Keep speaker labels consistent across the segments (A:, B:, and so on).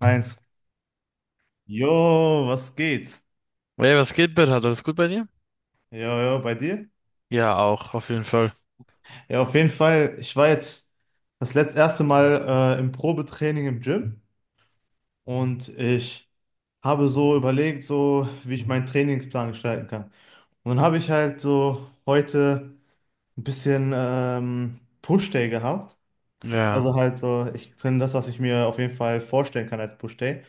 A: Eins. Jo, was geht?
B: Hey, was geht, Bert? Alles gut bei dir?
A: Jo, jo, bei dir?
B: Ja, auch, auf jeden Fall.
A: Ja, auf jeden Fall. Ich war jetzt das letzte erste Mal im Probetraining im Gym und ich habe so überlegt, so wie ich meinen Trainingsplan gestalten kann. Und dann habe ich halt so heute ein bisschen Push-Day gehabt. Also
B: Ja.
A: halt so, ich trainiere das, was ich mir auf jeden Fall vorstellen kann als Push-Day,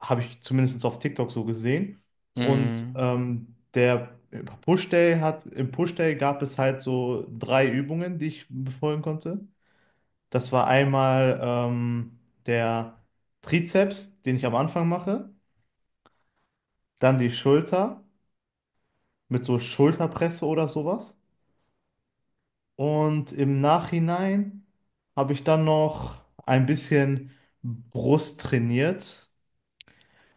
A: habe ich zumindest auf TikTok so gesehen. Und
B: Mm.
A: ähm, der Im Push Day gab es halt so drei Übungen, die ich befolgen konnte. Das war einmal der Trizeps, den ich am Anfang mache, dann die Schulter mit so Schulterpresse oder sowas. Und im Nachhinein habe ich dann noch ein bisschen Brust trainiert.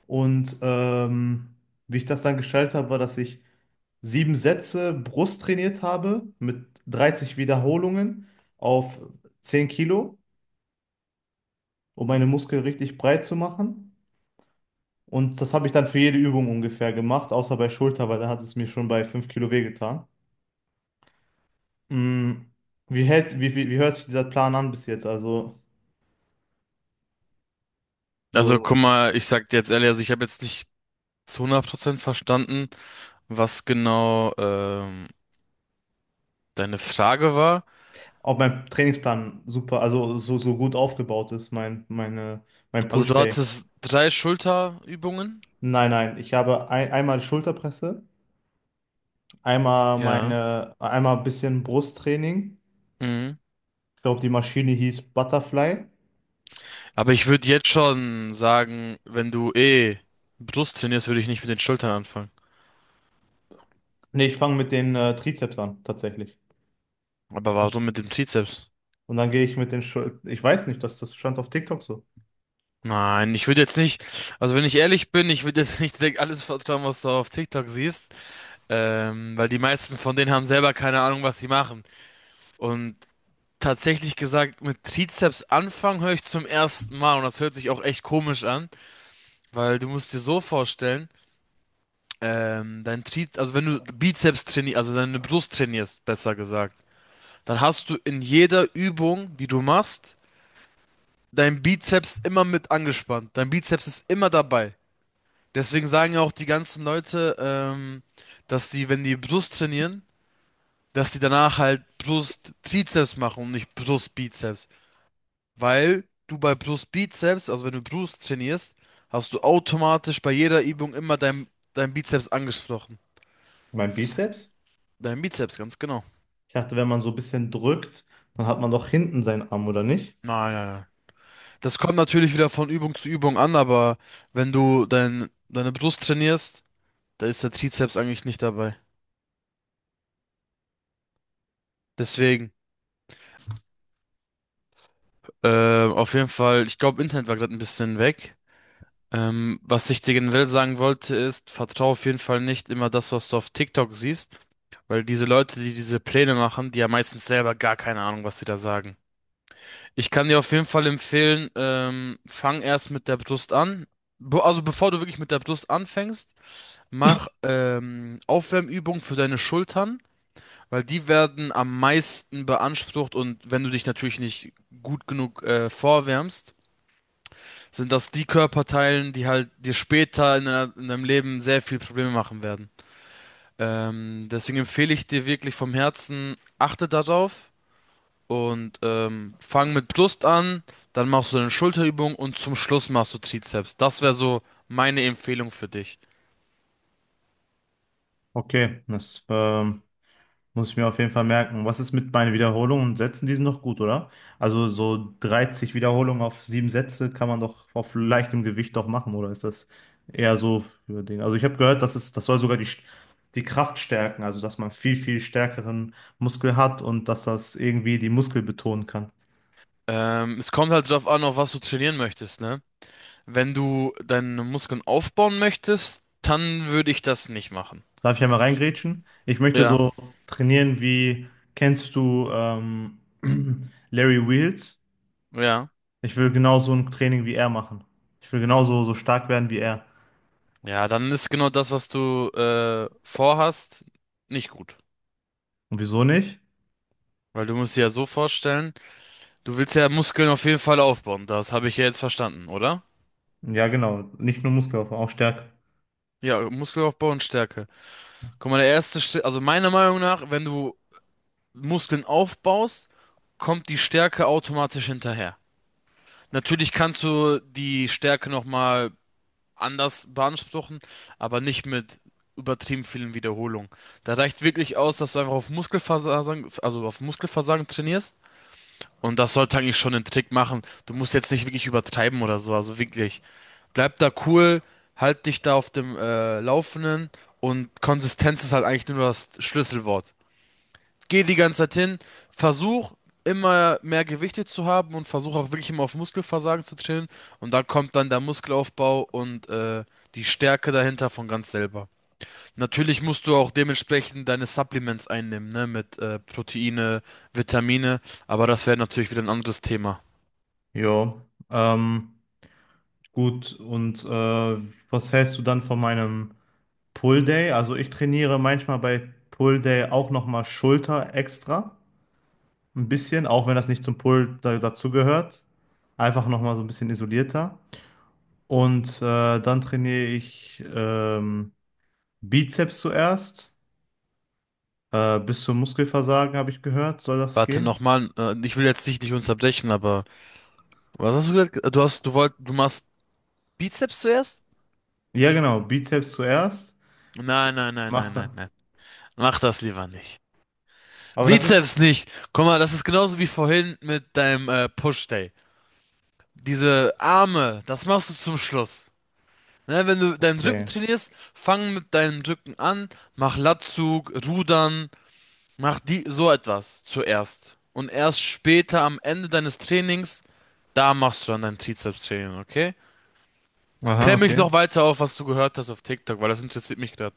A: Und ähm, Wie ich das dann gestaltet habe, war, dass ich 7 Sätze Brust trainiert habe mit 30 Wiederholungen auf 10 Kilo, um meine Muskeln richtig breit zu machen. Und das habe ich dann für jede Übung ungefähr gemacht, außer bei Schulter, weil da hat es mir schon bei 5 Kilo wehgetan. Mm, Wie hält, wie, wie, wie hört sich dieser Plan an bis jetzt? Also,
B: Also,
A: so,
B: guck mal, ich sag dir jetzt ehrlich, also ich habe jetzt nicht zu 100% verstanden, was genau deine Frage war.
A: ob mein Trainingsplan super, also so gut aufgebaut ist, mein
B: Also, du
A: Push-Day.
B: hattest drei Schulterübungen.
A: Nein, nein, ich habe einmal Schulterpresse,
B: Ja.
A: einmal ein bisschen Brusttraining.
B: Mhm.
A: Ich glaube, die Maschine hieß Butterfly.
B: Aber ich würde jetzt schon sagen, wenn du eh Brust trainierst, würde ich nicht mit den Schultern anfangen.
A: Nee, ich fange mit den Trizeps an, tatsächlich.
B: Aber warum mit dem Trizeps?
A: Und dann gehe ich mit den Schul- Ich weiß nicht, das stand auf TikTok so.
B: Nein, ich würde jetzt nicht, also wenn ich ehrlich bin, ich würde jetzt nicht direkt alles vertrauen, was du auf TikTok siehst. Weil die meisten von denen haben selber keine Ahnung, was sie machen. Und tatsächlich gesagt, mit Trizeps anfangen höre ich zum ersten Mal und das hört sich auch echt komisch an, weil du musst dir so vorstellen, dein Tri, also wenn du Bizeps trainierst, also deine Brust trainierst, besser gesagt, dann hast du in jeder Übung, die du machst, dein Bizeps immer mit angespannt. Dein Bizeps ist immer dabei. Deswegen sagen ja auch die ganzen Leute, dass die, wenn die Brust trainieren, dass die danach halt Brust Trizeps machen und nicht Brust Bizeps. Weil du bei Brust Bizeps, also wenn du Brust trainierst, hast du automatisch bei jeder Übung immer dein Bizeps angesprochen.
A: Mein Bizeps?
B: Dein Bizeps, ganz genau.
A: Ich dachte, wenn man so ein bisschen drückt, dann hat man doch hinten seinen Arm, oder nicht?
B: Nein. Das kommt natürlich wieder von Übung zu Übung an, aber wenn du deine Brust trainierst, da ist der Trizeps eigentlich nicht dabei. Deswegen, auf jeden Fall, ich glaube, Internet war gerade ein bisschen weg. Was ich dir generell sagen wollte, ist, vertraue auf jeden Fall nicht immer das, was du auf TikTok siehst, weil diese Leute, die diese Pläne machen, die haben meistens selber gar keine Ahnung, was sie da sagen. Ich kann dir auf jeden Fall empfehlen, fang erst mit der Brust an. Be also bevor du wirklich mit der Brust anfängst, mach Aufwärmübungen für deine Schultern, weil die werden am meisten beansprucht und wenn du dich natürlich nicht gut genug vorwärmst, sind das die Körperteilen, die halt dir später in deinem Leben sehr viel Probleme machen werden. Deswegen empfehle ich dir wirklich vom Herzen, achte darauf und fang mit Brust an, dann machst du eine Schulterübung und zum Schluss machst du Trizeps. Das wäre so meine Empfehlung für dich.
A: Okay, das Muss ich mir auf jeden Fall merken. Was ist mit meinen Wiederholungen und Sätzen? Die sind doch gut, oder? Also so 30 Wiederholungen auf 7 Sätze kann man doch auf leichtem Gewicht doch machen, oder ist das eher so für den? Also ich habe gehört, dass das soll sogar die Kraft stärken, also dass man viel, viel stärkeren Muskel hat und dass das irgendwie die Muskel betonen kann.
B: Es kommt halt drauf an, auf was du trainieren möchtest, ne? Wenn du deine Muskeln aufbauen möchtest, dann würde ich das nicht machen.
A: Darf ich einmal reingrätschen? Ich möchte
B: Ja,
A: so trainieren wie, kennst du Larry Wheels?
B: ja.
A: Ich will genau so ein Training wie er machen. Ich will genauso so stark werden wie er.
B: Ja, dann ist genau das, was du vorhast, nicht gut.
A: Und wieso nicht?
B: Weil du musst dir ja so vorstellen, du willst ja Muskeln auf jeden Fall aufbauen. Das habe ich ja jetzt verstanden, oder?
A: Ja, genau. Nicht nur Muskelaufbau, auch Stärke.
B: Ja, Muskelaufbau und Stärke. Guck mal, der erste Schritt, also meiner Meinung nach, wenn du Muskeln aufbaust, kommt die Stärke automatisch hinterher. Natürlich kannst du die Stärke nochmal anders beanspruchen, aber nicht mit übertrieben vielen Wiederholungen. Da reicht wirklich aus, dass du einfach auf Muskelversagen, also auf Muskelversagen trainierst. Und das sollte eigentlich schon den Trick machen. Du musst jetzt nicht wirklich übertreiben oder so. Also wirklich, bleib da cool, halt dich da auf dem Laufenden und Konsistenz ist halt eigentlich nur das Schlüsselwort. Geh die ganze Zeit hin, versuch immer mehr Gewichte zu haben und versuch auch wirklich immer auf Muskelversagen zu trainieren. Und da kommt dann der Muskelaufbau und die Stärke dahinter von ganz selber. Natürlich musst du auch dementsprechend deine Supplements einnehmen, ne, mit Proteine, Vitamine, aber das wäre natürlich wieder ein anderes Thema.
A: Jo. Ähm, gut, und was hältst du dann von meinem Pull Day? Also ich trainiere manchmal bei Pull Day auch nochmal Schulter extra. Ein bisschen, auch wenn das nicht zum Pull dazugehört. Einfach nochmal so ein bisschen isolierter. Und dann trainiere ich Bizeps zuerst. Bis zum Muskelversagen, habe ich gehört, soll das
B: Warte
A: gehen?
B: nochmal, ich will jetzt dich nicht unterbrechen, aber was hast du gesagt? Du hast, du wollt, du machst Bizeps zuerst?
A: Ja, genau. Bizeps zuerst.
B: Nein, nein, nein, nein,
A: Macht,
B: nein, nein. Mach das lieber nicht.
A: Aber das ist
B: Bizeps nicht. Guck mal, das ist genauso wie vorhin mit deinem Push-Day. Diese Arme, das machst du zum Schluss. Ne, wenn du deinen Rücken
A: okay.
B: trainierst, fang mit deinem Rücken an, mach Latzug, Rudern, mach die so etwas zuerst. Und erst später am Ende deines Trainings, da machst du dann dein Trizeps-Training, okay?
A: Aha,
B: Klär mich
A: okay.
B: doch weiter auf, was du gehört hast auf TikTok, weil das interessiert mich gerade.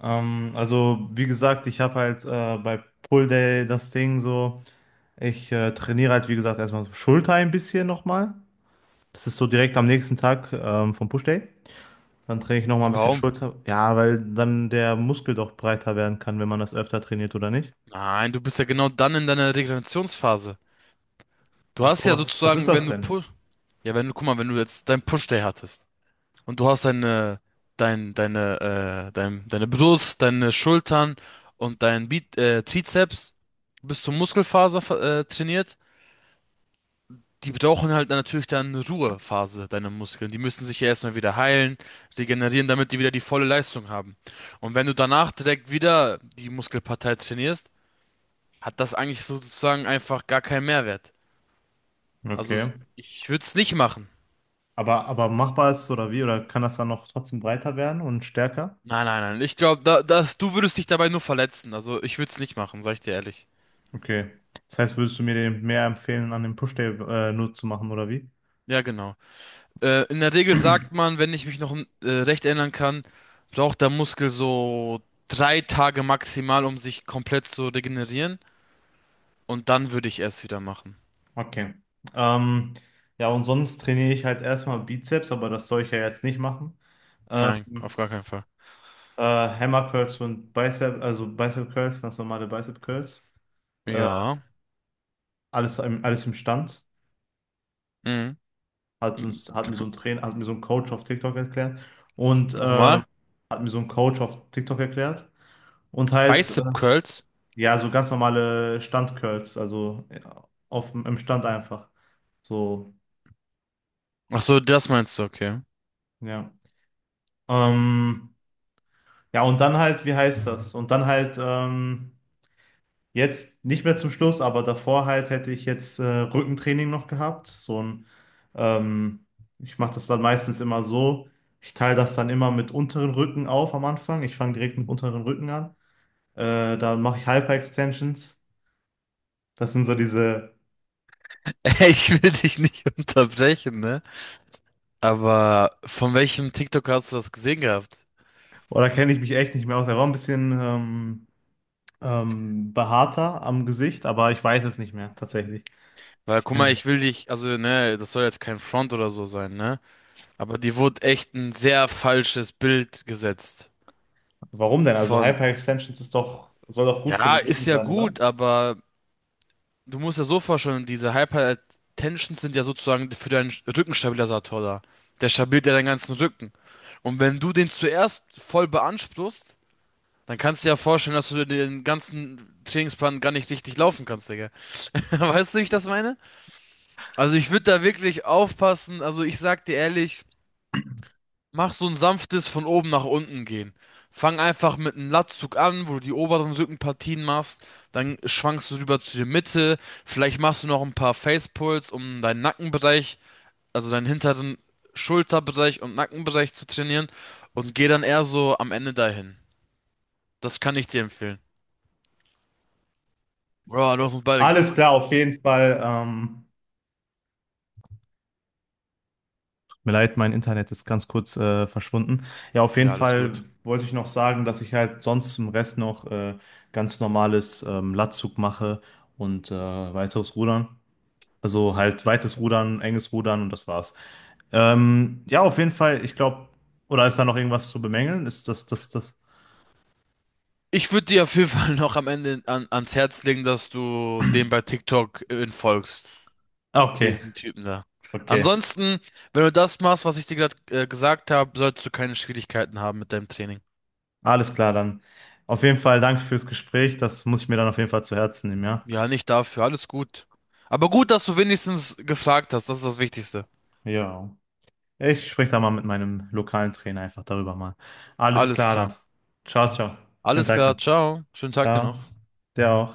A: Also wie gesagt, ich habe halt bei Pull Day das Ding so, ich trainiere halt wie gesagt erstmal Schulter ein bisschen nochmal. Das ist so direkt am nächsten Tag vom Push Day. Dann trainiere ich nochmal ein bisschen
B: Warum?
A: Schulter. Ja, weil dann der Muskel doch breiter werden kann, wenn man das öfter trainiert oder nicht.
B: Nein, du bist ja genau dann in deiner Regenerationsphase. Du
A: Ach so,
B: hast ja
A: was ist
B: sozusagen,
A: das
B: wenn du
A: denn?
B: Push, ja, wenn du, guck mal, wenn du jetzt dein Push-Day hattest und du hast deine Brust, deine Schultern und dein Bi Trizeps bis zur Muskelfaser trainiert. Die brauchen halt natürlich dann eine Ruhephase, deine Muskeln. Die müssen sich ja erstmal wieder heilen, regenerieren, damit die wieder die volle Leistung haben. Und wenn du danach direkt wieder die Muskelpartei trainierst, hat das eigentlich sozusagen einfach gar keinen Mehrwert.
A: Okay.
B: Ich würde es nicht machen.
A: Aber machbar ist es oder wie? Oder kann das dann noch trotzdem breiter werden und stärker?
B: Nein. Ich glaube, du würdest dich dabei nur verletzen. Also ich würde es nicht machen, sag ich dir ehrlich.
A: Okay. Das heißt, würdest du mir den mehr empfehlen, an dem Push-Day nur zu machen, oder wie?
B: Ja, genau. In der Regel sagt man, wenn ich mich noch recht erinnern kann, braucht der Muskel so 3 Tage maximal, um sich komplett zu regenerieren. Und dann würde ich es wieder machen.
A: Okay. Ähm, ja, und sonst trainiere ich halt erstmal Bizeps, aber das soll ich ja jetzt nicht machen. Ähm,
B: Nein, auf gar keinen Fall.
A: Hammer Curls und Bicep, also Bicep Curls, ganz normale Bicep Curls. Äh,
B: Ja.
A: alles im Stand.
B: Mhm.
A: Hat mir so ein Coach auf TikTok erklärt. Und ähm,
B: Nochmal.
A: hat mir so ein Coach auf TikTok erklärt. Und halt
B: Bicep Curls.
A: Ja, so ganz normale Standcurls, also ja, im Stand einfach. So,
B: Ach so, das meinst du, okay.
A: ja. Ähm, ja, und dann halt, wie heißt das? Und dann halt jetzt nicht mehr zum Schluss, aber davor halt hätte ich jetzt Rückentraining noch gehabt. Ähm, Ich mache das dann meistens immer so. Ich teile das dann immer mit unteren Rücken auf am Anfang. Ich fange direkt mit unteren Rücken an. Dann mache ich Hyper Extensions. Das sind so diese,
B: Ich will dich nicht unterbrechen, ne? Aber von welchem TikTok hast du das gesehen gehabt?
A: oder kenne ich mich echt nicht mehr aus. Er war ein bisschen, behaarter am Gesicht, aber ich weiß es nicht mehr, tatsächlich.
B: Weil, guck mal,
A: Äh,
B: ich will dich, also, ne, das soll jetzt kein Front oder so sein, ne? Aber dir wurde echt ein sehr falsches Bild gesetzt.
A: Warum denn? Also
B: Von,
A: Hyper-Extensions ist doch, soll doch gut für
B: ja,
A: den
B: ist
A: Rücken
B: ja
A: sein, oder?
B: gut, aber du musst ja so vorstellen, diese Hypertensions sind ja sozusagen für deinen Rückenstabilisator da. Der stabilisiert ja deinen ganzen Rücken. Und wenn du den zuerst voll beanspruchst, dann kannst du dir ja vorstellen, dass du den ganzen Trainingsplan gar nicht richtig laufen kannst, Digga. Weißt du, wie ich das meine? Also ich würde da wirklich aufpassen. Also ich sag dir ehrlich, mach so ein sanftes von oben nach unten gehen. Fang einfach mit einem Latzug an, wo du die oberen Rückenpartien machst, dann schwankst du rüber zu der Mitte, vielleicht machst du noch ein paar Facepulls, um deinen Nackenbereich, also deinen hinteren Schulterbereich und Nackenbereich zu trainieren und geh dann eher so am Ende dahin. Das kann ich dir empfehlen. Bro, du hast uns beide
A: Alles
B: gefickt.
A: klar, auf jeden Fall. Tut mir leid, mein Internet ist ganz kurz verschwunden. Ja, auf jeden
B: Ja, alles
A: Fall
B: gut.
A: wollte ich noch sagen, dass ich halt sonst im Rest noch ganz normales Latzug mache und weiteres Rudern. Also halt weites Rudern, enges Rudern und das war's. Ja, auf jeden Fall, ich glaube, oder ist da noch irgendwas zu bemängeln? Ist das, das, das.
B: Ich würde dir auf jeden Fall noch am Ende ans Herz legen, dass du dem bei TikTok folgst.
A: Okay,
B: Diesen Typen da.
A: okay.
B: Ansonsten, wenn du das machst, was ich dir gerade gesagt habe, solltest du keine Schwierigkeiten haben mit deinem Training.
A: Alles klar dann. Auf jeden Fall danke fürs Gespräch. Das muss ich mir dann auf jeden Fall zu Herzen nehmen, ja?
B: Ja, nicht dafür, alles gut. Aber gut, dass du wenigstens gefragt hast, das ist das Wichtigste.
A: Ja. Ich spreche da mal mit meinem lokalen Trainer einfach darüber mal. Alles
B: Alles
A: klar
B: klar.
A: dann. Ciao, ciao. Schönen
B: Alles
A: Tag noch.
B: klar, ciao. Schönen Tag dir
A: Ciao.
B: noch.
A: Dir auch.